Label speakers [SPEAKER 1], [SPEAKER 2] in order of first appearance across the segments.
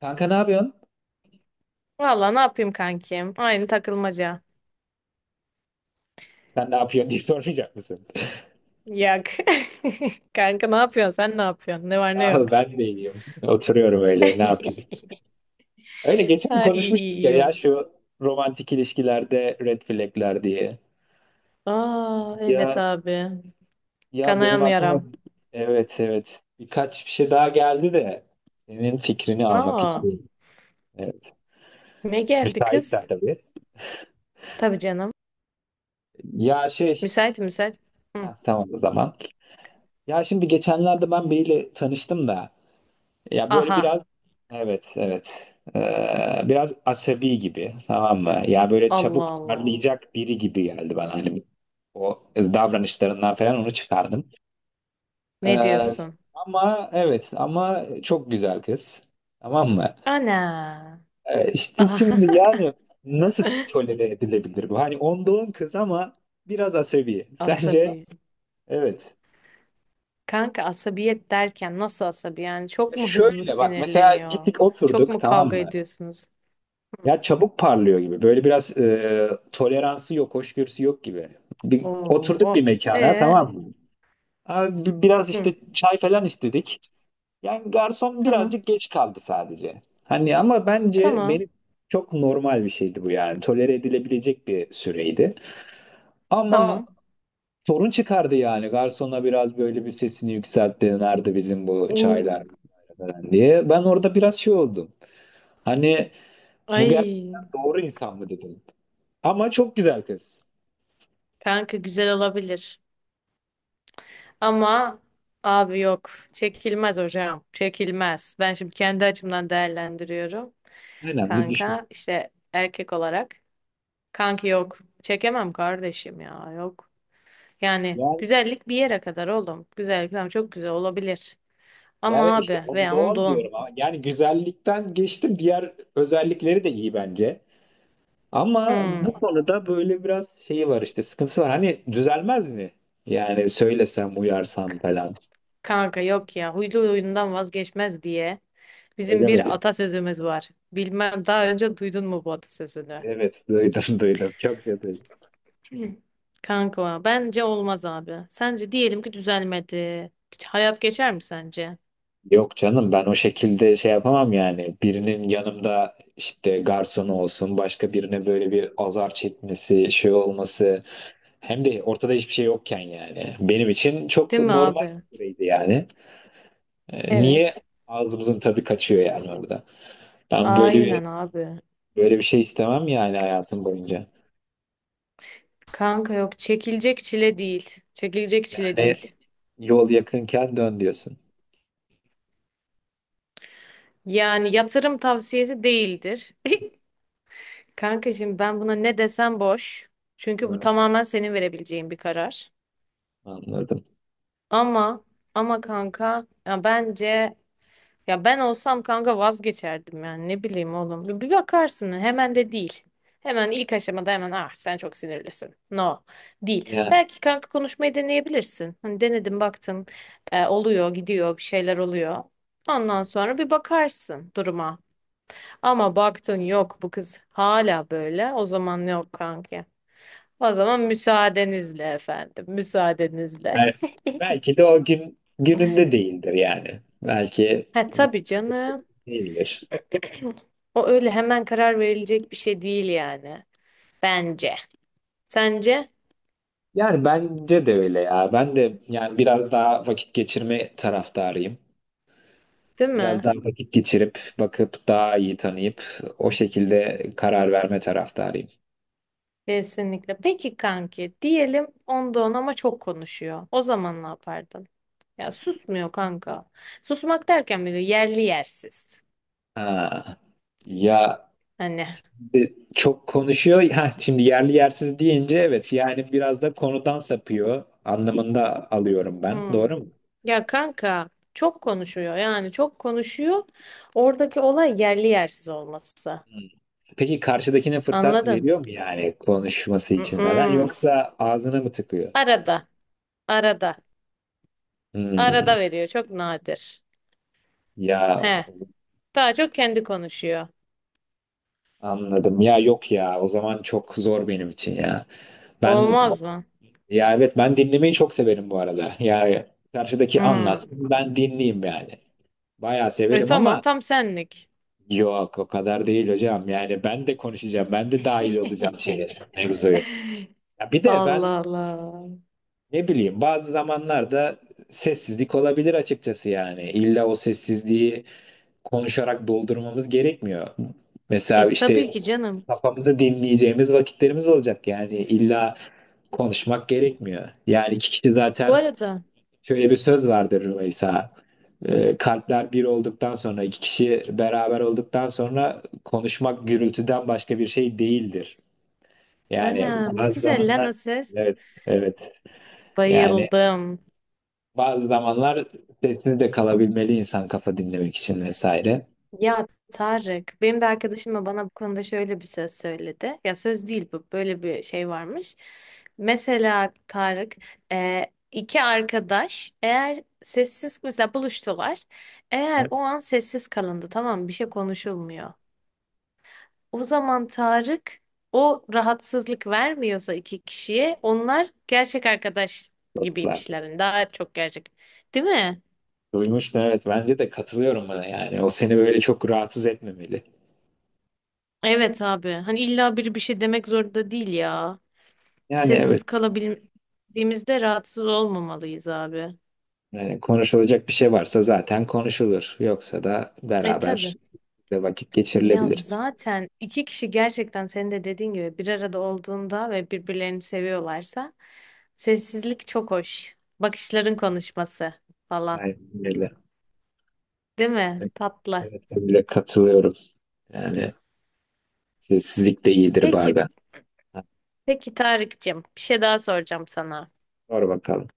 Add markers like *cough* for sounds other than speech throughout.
[SPEAKER 1] Kanka ne yapıyorsun?
[SPEAKER 2] Valla ne yapayım kankim? Aynı takılmaca.
[SPEAKER 1] Sen ne yapıyorsun diye sormayacak mısın? *laughs*
[SPEAKER 2] Yak. *laughs* Kanka ne yapıyorsun? Sen ne yapıyorsun? Ne var ne yok?
[SPEAKER 1] Ah ben de iyiyim. Oturuyorum öyle ne yapayım?
[SPEAKER 2] *laughs*
[SPEAKER 1] Öyle
[SPEAKER 2] Ha
[SPEAKER 1] geçen
[SPEAKER 2] iyi iyi
[SPEAKER 1] konuşmuştuk ya,
[SPEAKER 2] iyi oğlum.
[SPEAKER 1] şu romantik ilişkilerde red flagler diye.
[SPEAKER 2] Aa evet
[SPEAKER 1] Ya
[SPEAKER 2] abi.
[SPEAKER 1] ya benim
[SPEAKER 2] Kanayan
[SPEAKER 1] aklıma,
[SPEAKER 2] yaram.
[SPEAKER 1] evet evet, birkaç bir şey daha geldi de senin fikrini almak
[SPEAKER 2] Aa
[SPEAKER 1] istiyorum. Evet.
[SPEAKER 2] ne geldi kız?
[SPEAKER 1] Müsaitsen tabii.
[SPEAKER 2] Tabii canım.
[SPEAKER 1] Ya şey
[SPEAKER 2] Müsait müsait. Hı.
[SPEAKER 1] ha, tamam o zaman. Ya şimdi geçenlerde ben biriyle tanıştım da, ya böyle
[SPEAKER 2] Aha
[SPEAKER 1] biraz, evet evet, biraz asabi gibi, tamam mı? Ya böyle
[SPEAKER 2] Allah
[SPEAKER 1] çabuk
[SPEAKER 2] Allah.
[SPEAKER 1] parlayacak biri gibi geldi bana, hani o davranışlarından falan onu çıkardım.
[SPEAKER 2] Ne
[SPEAKER 1] Ee,
[SPEAKER 2] diyorsun?
[SPEAKER 1] ama evet, ama çok güzel kız, tamam mı?
[SPEAKER 2] Ana.
[SPEAKER 1] İşte şimdi
[SPEAKER 2] *laughs*
[SPEAKER 1] yani nasıl tolere edilebilir bu? Hani onda on kız ama biraz asabi. Sence?
[SPEAKER 2] Asabi.
[SPEAKER 1] Evet.
[SPEAKER 2] Kanka asabiyet derken nasıl asabi? Yani
[SPEAKER 1] Ya
[SPEAKER 2] çok mu hızlı
[SPEAKER 1] şöyle bak, mesela
[SPEAKER 2] sinirleniyor?
[SPEAKER 1] gittik
[SPEAKER 2] Çok
[SPEAKER 1] oturduk,
[SPEAKER 2] mu
[SPEAKER 1] tamam
[SPEAKER 2] kavga
[SPEAKER 1] mı?
[SPEAKER 2] ediyorsunuz?
[SPEAKER 1] Ya çabuk parlıyor gibi. Böyle biraz toleransı yok, hoşgörüsü yok gibi. Oturduk bir
[SPEAKER 2] Oo.
[SPEAKER 1] mekana,
[SPEAKER 2] Ee,
[SPEAKER 1] tamam mı? Abi, biraz
[SPEAKER 2] hı.
[SPEAKER 1] işte çay falan istedik. Yani garson
[SPEAKER 2] Tamam.
[SPEAKER 1] birazcık geç kaldı sadece. Hani ama bence
[SPEAKER 2] Tamam.
[SPEAKER 1] benim çok normal bir şeydi bu yani. Tolere edilebilecek bir süreydi. Ama
[SPEAKER 2] Tamam.
[SPEAKER 1] sorun çıkardı yani. Garsona biraz böyle bir sesini yükseltti. Nerede bizim bu çaylar
[SPEAKER 2] Oo.
[SPEAKER 1] falan diye. Ben orada biraz şey oldum. Hani bu
[SPEAKER 2] Ay.
[SPEAKER 1] gerçekten doğru insan mı dedim. Ama çok güzel kız.
[SPEAKER 2] Kanka güzel olabilir. Ama abi yok. Çekilmez hocam. Çekilmez. Ben şimdi kendi açımdan değerlendiriyorum.
[SPEAKER 1] Aynen Lülüşko.
[SPEAKER 2] Kanka işte erkek olarak. Kanki yok. Çekemem kardeşim ya. Yok. Yani
[SPEAKER 1] Yani,
[SPEAKER 2] güzellik bir yere kadar oğlum. Güzellik tamam çok güzel olabilir.
[SPEAKER 1] yani
[SPEAKER 2] Ama
[SPEAKER 1] işte
[SPEAKER 2] abi
[SPEAKER 1] onda
[SPEAKER 2] veya onda
[SPEAKER 1] on diyorum ama
[SPEAKER 2] on.
[SPEAKER 1] yani güzellikten geçtim, diğer özellikleri de iyi bence. Ama bu
[SPEAKER 2] Hmm.
[SPEAKER 1] konuda böyle biraz şeyi var, işte sıkıntısı var. Hani düzelmez mi? Yani söylesem, uyarsam falan.
[SPEAKER 2] Kanka yok ya. Huylu huyundan vazgeçmez diye. Bizim
[SPEAKER 1] Öyle mi?
[SPEAKER 2] bir
[SPEAKER 1] diyorsun?
[SPEAKER 2] atasözümüz var. Bilmem daha önce duydun mu bu atasözünü?
[SPEAKER 1] Evet duydum, *laughs* duydum. Çok duydum.
[SPEAKER 2] *clears throat* Kanka bence olmaz abi. Sence diyelim ki düzelmedi. Hayat geçer mi sence?
[SPEAKER 1] Yok canım, ben o şekilde şey yapamam yani. Birinin yanımda, işte garsonu olsun başka birine, böyle bir azar çekmesi, şey olması. Hem de ortada hiçbir şey yokken yani. Benim için çok
[SPEAKER 2] Değil mi
[SPEAKER 1] normal
[SPEAKER 2] abi?
[SPEAKER 1] bir süreydi yani. Niye
[SPEAKER 2] Evet.
[SPEAKER 1] ağzımızın tadı kaçıyor yani orada? Ben böyle bir,
[SPEAKER 2] Aynen abi.
[SPEAKER 1] böyle bir şey istemem yani hayatım boyunca.
[SPEAKER 2] Kanka yok çekilecek çile değil. Çekilecek çile
[SPEAKER 1] Yani
[SPEAKER 2] değil.
[SPEAKER 1] yol yakınken dön diyorsun.
[SPEAKER 2] Yani yatırım tavsiyesi değildir. *laughs* Kanka şimdi ben buna ne desem boş. Çünkü bu
[SPEAKER 1] Evet.
[SPEAKER 2] tamamen senin verebileceğin bir karar.
[SPEAKER 1] Anladım.
[SPEAKER 2] Ama ama kanka ya bence. Ya ben olsam kanka vazgeçerdim yani ne bileyim oğlum. Bir bakarsın hemen de değil. Hemen ilk aşamada hemen ah sen çok sinirlisin. No değil.
[SPEAKER 1] Yani
[SPEAKER 2] Belki kanka konuşmayı deneyebilirsin. Hani denedin baktın oluyor gidiyor bir şeyler oluyor. Ondan sonra bir bakarsın duruma. Ama baktın yok bu kız hala böyle, o zaman yok kanka. O zaman müsaadenizle efendim, müsaadenizle.
[SPEAKER 1] bel-
[SPEAKER 2] *laughs*
[SPEAKER 1] belki de o gün gününde değildir yani. Belki
[SPEAKER 2] Ha tabii canım,
[SPEAKER 1] değildir.
[SPEAKER 2] o öyle hemen karar verilecek bir şey değil yani. Bence. Sence?
[SPEAKER 1] Yani bence de öyle ya. Ben de yani biraz daha vakit geçirme taraftarıyım.
[SPEAKER 2] Değil
[SPEAKER 1] Biraz
[SPEAKER 2] mi?
[SPEAKER 1] daha vakit geçirip, bakıp, daha iyi tanıyıp o şekilde karar verme taraftarıyım.
[SPEAKER 2] Kesinlikle. Peki kanki, diyelim onda on ama çok konuşuyor. O zaman ne yapardın? Ya susmuyor kanka. Susmak derken bile yerli yersiz.
[SPEAKER 1] Ha. Ya,
[SPEAKER 2] Hani.
[SPEAKER 1] çok konuşuyor. Ha, şimdi yerli yersiz deyince evet, yani biraz da konudan sapıyor anlamında alıyorum ben.
[SPEAKER 2] Hmm.
[SPEAKER 1] Doğru mu?
[SPEAKER 2] Ya kanka çok konuşuyor, yani çok konuşuyor. Oradaki olay yerli yersiz olması.
[SPEAKER 1] Hmm. Peki karşıdakine fırsat
[SPEAKER 2] Anladın?
[SPEAKER 1] veriyor mu yani, konuşması için falan,
[SPEAKER 2] Mm-mm.
[SPEAKER 1] yoksa ağzına mı tıkıyor?
[SPEAKER 2] Arada. Arada.
[SPEAKER 1] Hmm,
[SPEAKER 2] Arada veriyor. Çok nadir.
[SPEAKER 1] ya
[SPEAKER 2] He. Daha çok kendi konuşuyor.
[SPEAKER 1] anladım. Ya yok ya, o zaman çok zor benim için ya. Ben
[SPEAKER 2] Olmaz mı?
[SPEAKER 1] Ya evet, ben dinlemeyi çok severim bu arada. Yani karşıdaki
[SPEAKER 2] Hmm.
[SPEAKER 1] anlatsın, ben dinleyeyim yani. Bayağı
[SPEAKER 2] E
[SPEAKER 1] severim
[SPEAKER 2] tamam,
[SPEAKER 1] ama
[SPEAKER 2] tam senlik.
[SPEAKER 1] yok, o kadar değil hocam. Yani ben de konuşacağım. Ben de dahil olacağım
[SPEAKER 2] *laughs*
[SPEAKER 1] şeye, mevzuya. Ya bir de ben
[SPEAKER 2] Allah Allah.
[SPEAKER 1] ne bileyim, bazı zamanlarda sessizlik olabilir açıkçası yani. İlla o sessizliği konuşarak doldurmamız gerekmiyor. Mesela
[SPEAKER 2] E tabii
[SPEAKER 1] işte
[SPEAKER 2] ki canım.
[SPEAKER 1] kafamızı dinleyeceğimiz vakitlerimiz olacak, yani illa konuşmak gerekmiyor. Yani iki kişi
[SPEAKER 2] Bu
[SPEAKER 1] zaten
[SPEAKER 2] arada
[SPEAKER 1] Şöyle bir söz vardır Rümeysa. Kalpler bir olduktan sonra, iki kişi beraber olduktan sonra, konuşmak gürültüden başka bir şey değildir. Yani
[SPEAKER 2] ana ne
[SPEAKER 1] bazı
[SPEAKER 2] güzel lan
[SPEAKER 1] zamanlar,
[SPEAKER 2] o ses.
[SPEAKER 1] evet, evet. Yani
[SPEAKER 2] Bayıldım.
[SPEAKER 1] bazı zamanlar sessiz de kalabilmeli insan, kafa dinlemek için vesaire.
[SPEAKER 2] Ya Tarık, benim de arkadaşım da bana bu konuda şöyle bir söz söyledi. Ya söz değil, bu böyle bir şey varmış. Mesela Tarık, e, iki arkadaş eğer sessiz mesela buluştular. Eğer
[SPEAKER 1] Ha,
[SPEAKER 2] o an sessiz kalındı, tamam mı? Bir şey konuşulmuyor. O zaman Tarık, o rahatsızlık vermiyorsa iki kişiye, onlar gerçek arkadaş
[SPEAKER 1] dostlardır.
[SPEAKER 2] gibiymişler. Yani daha çok gerçek. Değil mi?
[SPEAKER 1] Duymuştun, evet, bence de katılıyorum buna yani. O seni böyle çok rahatsız etmemeli.
[SPEAKER 2] Evet abi. Hani illa biri bir şey demek zorunda değil ya.
[SPEAKER 1] Yani
[SPEAKER 2] Sessiz
[SPEAKER 1] evet.
[SPEAKER 2] kalabildiğimizde rahatsız olmamalıyız abi.
[SPEAKER 1] Yani konuşulacak bir şey varsa zaten konuşulur. Yoksa da
[SPEAKER 2] E
[SPEAKER 1] beraber
[SPEAKER 2] tabii.
[SPEAKER 1] de vakit
[SPEAKER 2] Ya
[SPEAKER 1] geçirilebilir.
[SPEAKER 2] zaten iki kişi gerçekten senin de dediğin gibi bir arada olduğunda ve birbirlerini seviyorlarsa, sessizlik çok hoş. Bakışların konuşması falan.
[SPEAKER 1] Aynen öyle.
[SPEAKER 2] Değil mi? Tatlı.
[SPEAKER 1] Evet, ben bile katılıyorum. Yani sessizlik de iyidir
[SPEAKER 2] Peki
[SPEAKER 1] bazen. Ha,
[SPEAKER 2] Peki Tarık'cığım, bir şey daha soracağım sana.
[SPEAKER 1] sor bakalım.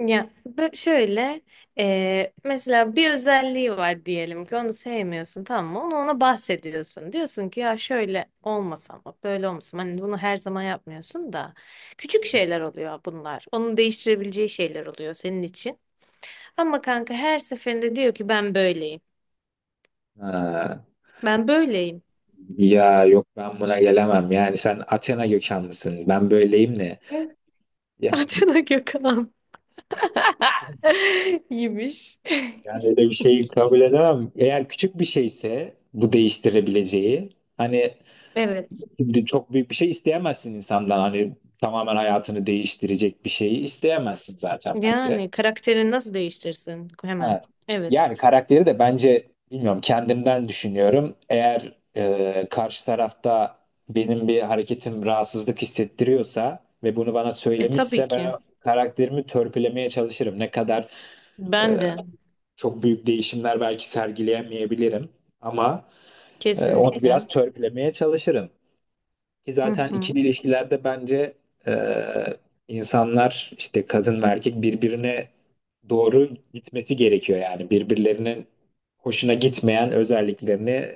[SPEAKER 2] Ya bö- şöyle Mesela bir özelliği var diyelim ki, onu sevmiyorsun, tamam mı? Onu ona bahsediyorsun. Diyorsun ki, "Ya şöyle olmasa, ama böyle olmasa ama." Hani bunu her zaman yapmıyorsun da küçük şeyler oluyor bunlar. Onun değiştirebileceği şeyler oluyor senin için. Ama kanka her seferinde diyor ki ben böyleyim.
[SPEAKER 1] Ha,
[SPEAKER 2] Ben böyleyim.
[SPEAKER 1] ya yok, ben buna gelemem. Yani sen Athena kökenlisin. Ben böyleyim ne?
[SPEAKER 2] Hı? *laughs*
[SPEAKER 1] Ya,
[SPEAKER 2] Atena Gökhan. *laughs* iyiymiş. *laughs*
[SPEAKER 1] yani öyle bir şeyi kabul edemem. Eğer küçük bir şeyse bu, değiştirebileceği. Hani,
[SPEAKER 2] Evet.
[SPEAKER 1] şimdi çok büyük bir şey isteyemezsin insandan. Hani tamamen hayatını değiştirecek bir şeyi isteyemezsin zaten bence.
[SPEAKER 2] Yani karakterini nasıl değiştirsin hemen?
[SPEAKER 1] Ha.
[SPEAKER 2] Evet.
[SPEAKER 1] Yani karakteri de bence, bilmiyorum, kendimden düşünüyorum. Eğer karşı tarafta benim bir hareketim rahatsızlık hissettiriyorsa ve bunu bana
[SPEAKER 2] E tabii
[SPEAKER 1] söylemişse, ben
[SPEAKER 2] ki.
[SPEAKER 1] o karakterimi törpülemeye çalışırım. Ne kadar e,
[SPEAKER 2] Ben de.
[SPEAKER 1] çok büyük değişimler belki sergileyemeyebilirim ama onu biraz
[SPEAKER 2] Kesinlikle.
[SPEAKER 1] törpülemeye çalışırım. Ki
[SPEAKER 2] Hı
[SPEAKER 1] zaten
[SPEAKER 2] hı.
[SPEAKER 1] ikili ilişkilerde bence e, insanlar, işte kadın ve erkek birbirine doğru gitmesi gerekiyor, yani birbirlerinin hoşuna gitmeyen özelliklerini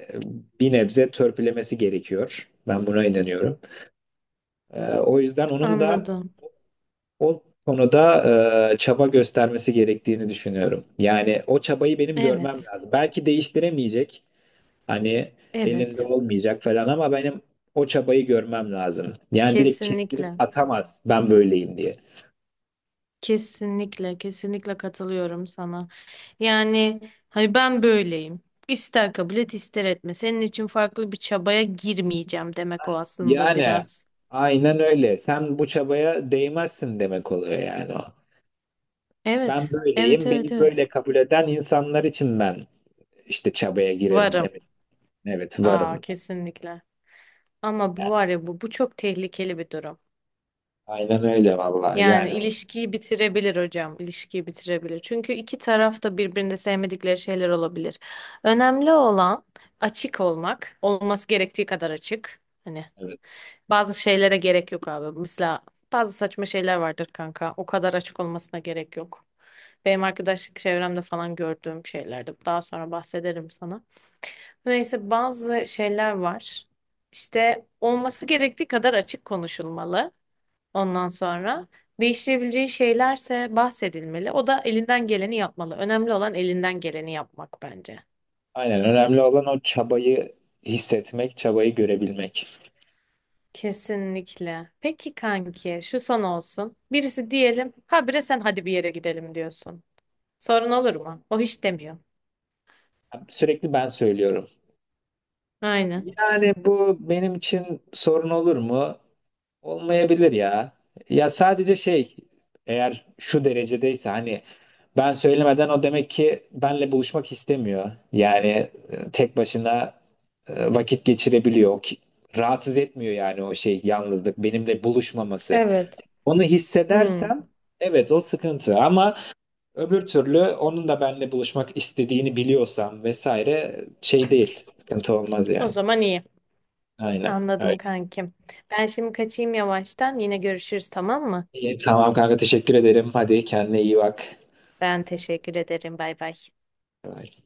[SPEAKER 1] bir nebze törpülemesi gerekiyor. Ben buna inanıyorum. O yüzden onun da
[SPEAKER 2] Anladım.
[SPEAKER 1] o konuda çaba göstermesi gerektiğini düşünüyorum. Yani o çabayı benim görmem
[SPEAKER 2] Evet.
[SPEAKER 1] lazım. Belki değiştiremeyecek. Hani elinde
[SPEAKER 2] Evet.
[SPEAKER 1] olmayacak falan, ama benim o çabayı görmem lazım. Yani direkt kestirip
[SPEAKER 2] Kesinlikle.
[SPEAKER 1] atamaz, ben böyleyim diye.
[SPEAKER 2] Kesinlikle. Kesinlikle katılıyorum sana. Yani hani ben böyleyim. İster kabul et ister etme. Senin için farklı bir çabaya girmeyeceğim demek o aslında,
[SPEAKER 1] Yani
[SPEAKER 2] biraz.
[SPEAKER 1] aynen öyle. Sen bu çabaya değmezsin demek oluyor yani o. Ben
[SPEAKER 2] Evet. Evet
[SPEAKER 1] böyleyim,
[SPEAKER 2] evet
[SPEAKER 1] beni
[SPEAKER 2] evet.
[SPEAKER 1] böyle kabul eden insanlar için ben işte çabaya girerim
[SPEAKER 2] Varım.
[SPEAKER 1] demek. Evet,
[SPEAKER 2] Aa
[SPEAKER 1] varım.
[SPEAKER 2] kesinlikle. Ama bu
[SPEAKER 1] Yani
[SPEAKER 2] var ya, bu çok tehlikeli bir durum.
[SPEAKER 1] aynen öyle vallahi.
[SPEAKER 2] Yani
[SPEAKER 1] Yani
[SPEAKER 2] ilişkiyi bitirebilir hocam, ilişkiyi bitirebilir. Çünkü iki taraf da birbirini sevmedikleri şeyler olabilir. Önemli olan açık olmak, olması gerektiği kadar açık. Hani
[SPEAKER 1] evet.
[SPEAKER 2] bazı şeylere gerek yok abi. Mesela bazı saçma şeyler vardır kanka. O kadar açık olmasına gerek yok. Benim arkadaşlık çevremde falan gördüğüm şeylerdi. Daha sonra bahsederim sana. Neyse bazı şeyler var. İşte olması gerektiği kadar açık konuşulmalı. Ondan sonra değiştirebileceği şeylerse bahsedilmeli. O da elinden geleni yapmalı. Önemli olan elinden geleni yapmak bence.
[SPEAKER 1] Aynen, önemli olan o çabayı hissetmek, çabayı görebilmek.
[SPEAKER 2] Kesinlikle. Peki kanki, şu son olsun. Birisi diyelim, habire sen, "Hadi bir yere gidelim," diyorsun. Sorun olur mu? O hiç demiyor.
[SPEAKER 1] Sürekli ben söylüyorum.
[SPEAKER 2] Aynen.
[SPEAKER 1] Yani bu benim için sorun olur mu? Olmayabilir ya. Ya sadece şey, eğer şu derecedeyse hani ben söylemeden, o demek ki benle buluşmak istemiyor. Yani tek başına vakit geçirebiliyor. Rahatsız etmiyor yani o şey, yalnızlık, benimle buluşmaması.
[SPEAKER 2] Evet.
[SPEAKER 1] Onu
[SPEAKER 2] Hmm.
[SPEAKER 1] hissedersem evet, o sıkıntı, ama öbür türlü onun da benimle buluşmak istediğini biliyorsam vesaire, şey değil, sıkıntı olmaz
[SPEAKER 2] O
[SPEAKER 1] yani.
[SPEAKER 2] zaman iyi.
[SPEAKER 1] Aynen.
[SPEAKER 2] Anladım kankim. Ben şimdi kaçayım yavaştan. Yine görüşürüz, tamam mı?
[SPEAKER 1] İyi, tamam kanka, teşekkür ederim. Hadi kendine iyi bak.
[SPEAKER 2] Ben teşekkür ederim. Bay bay.
[SPEAKER 1] Bye.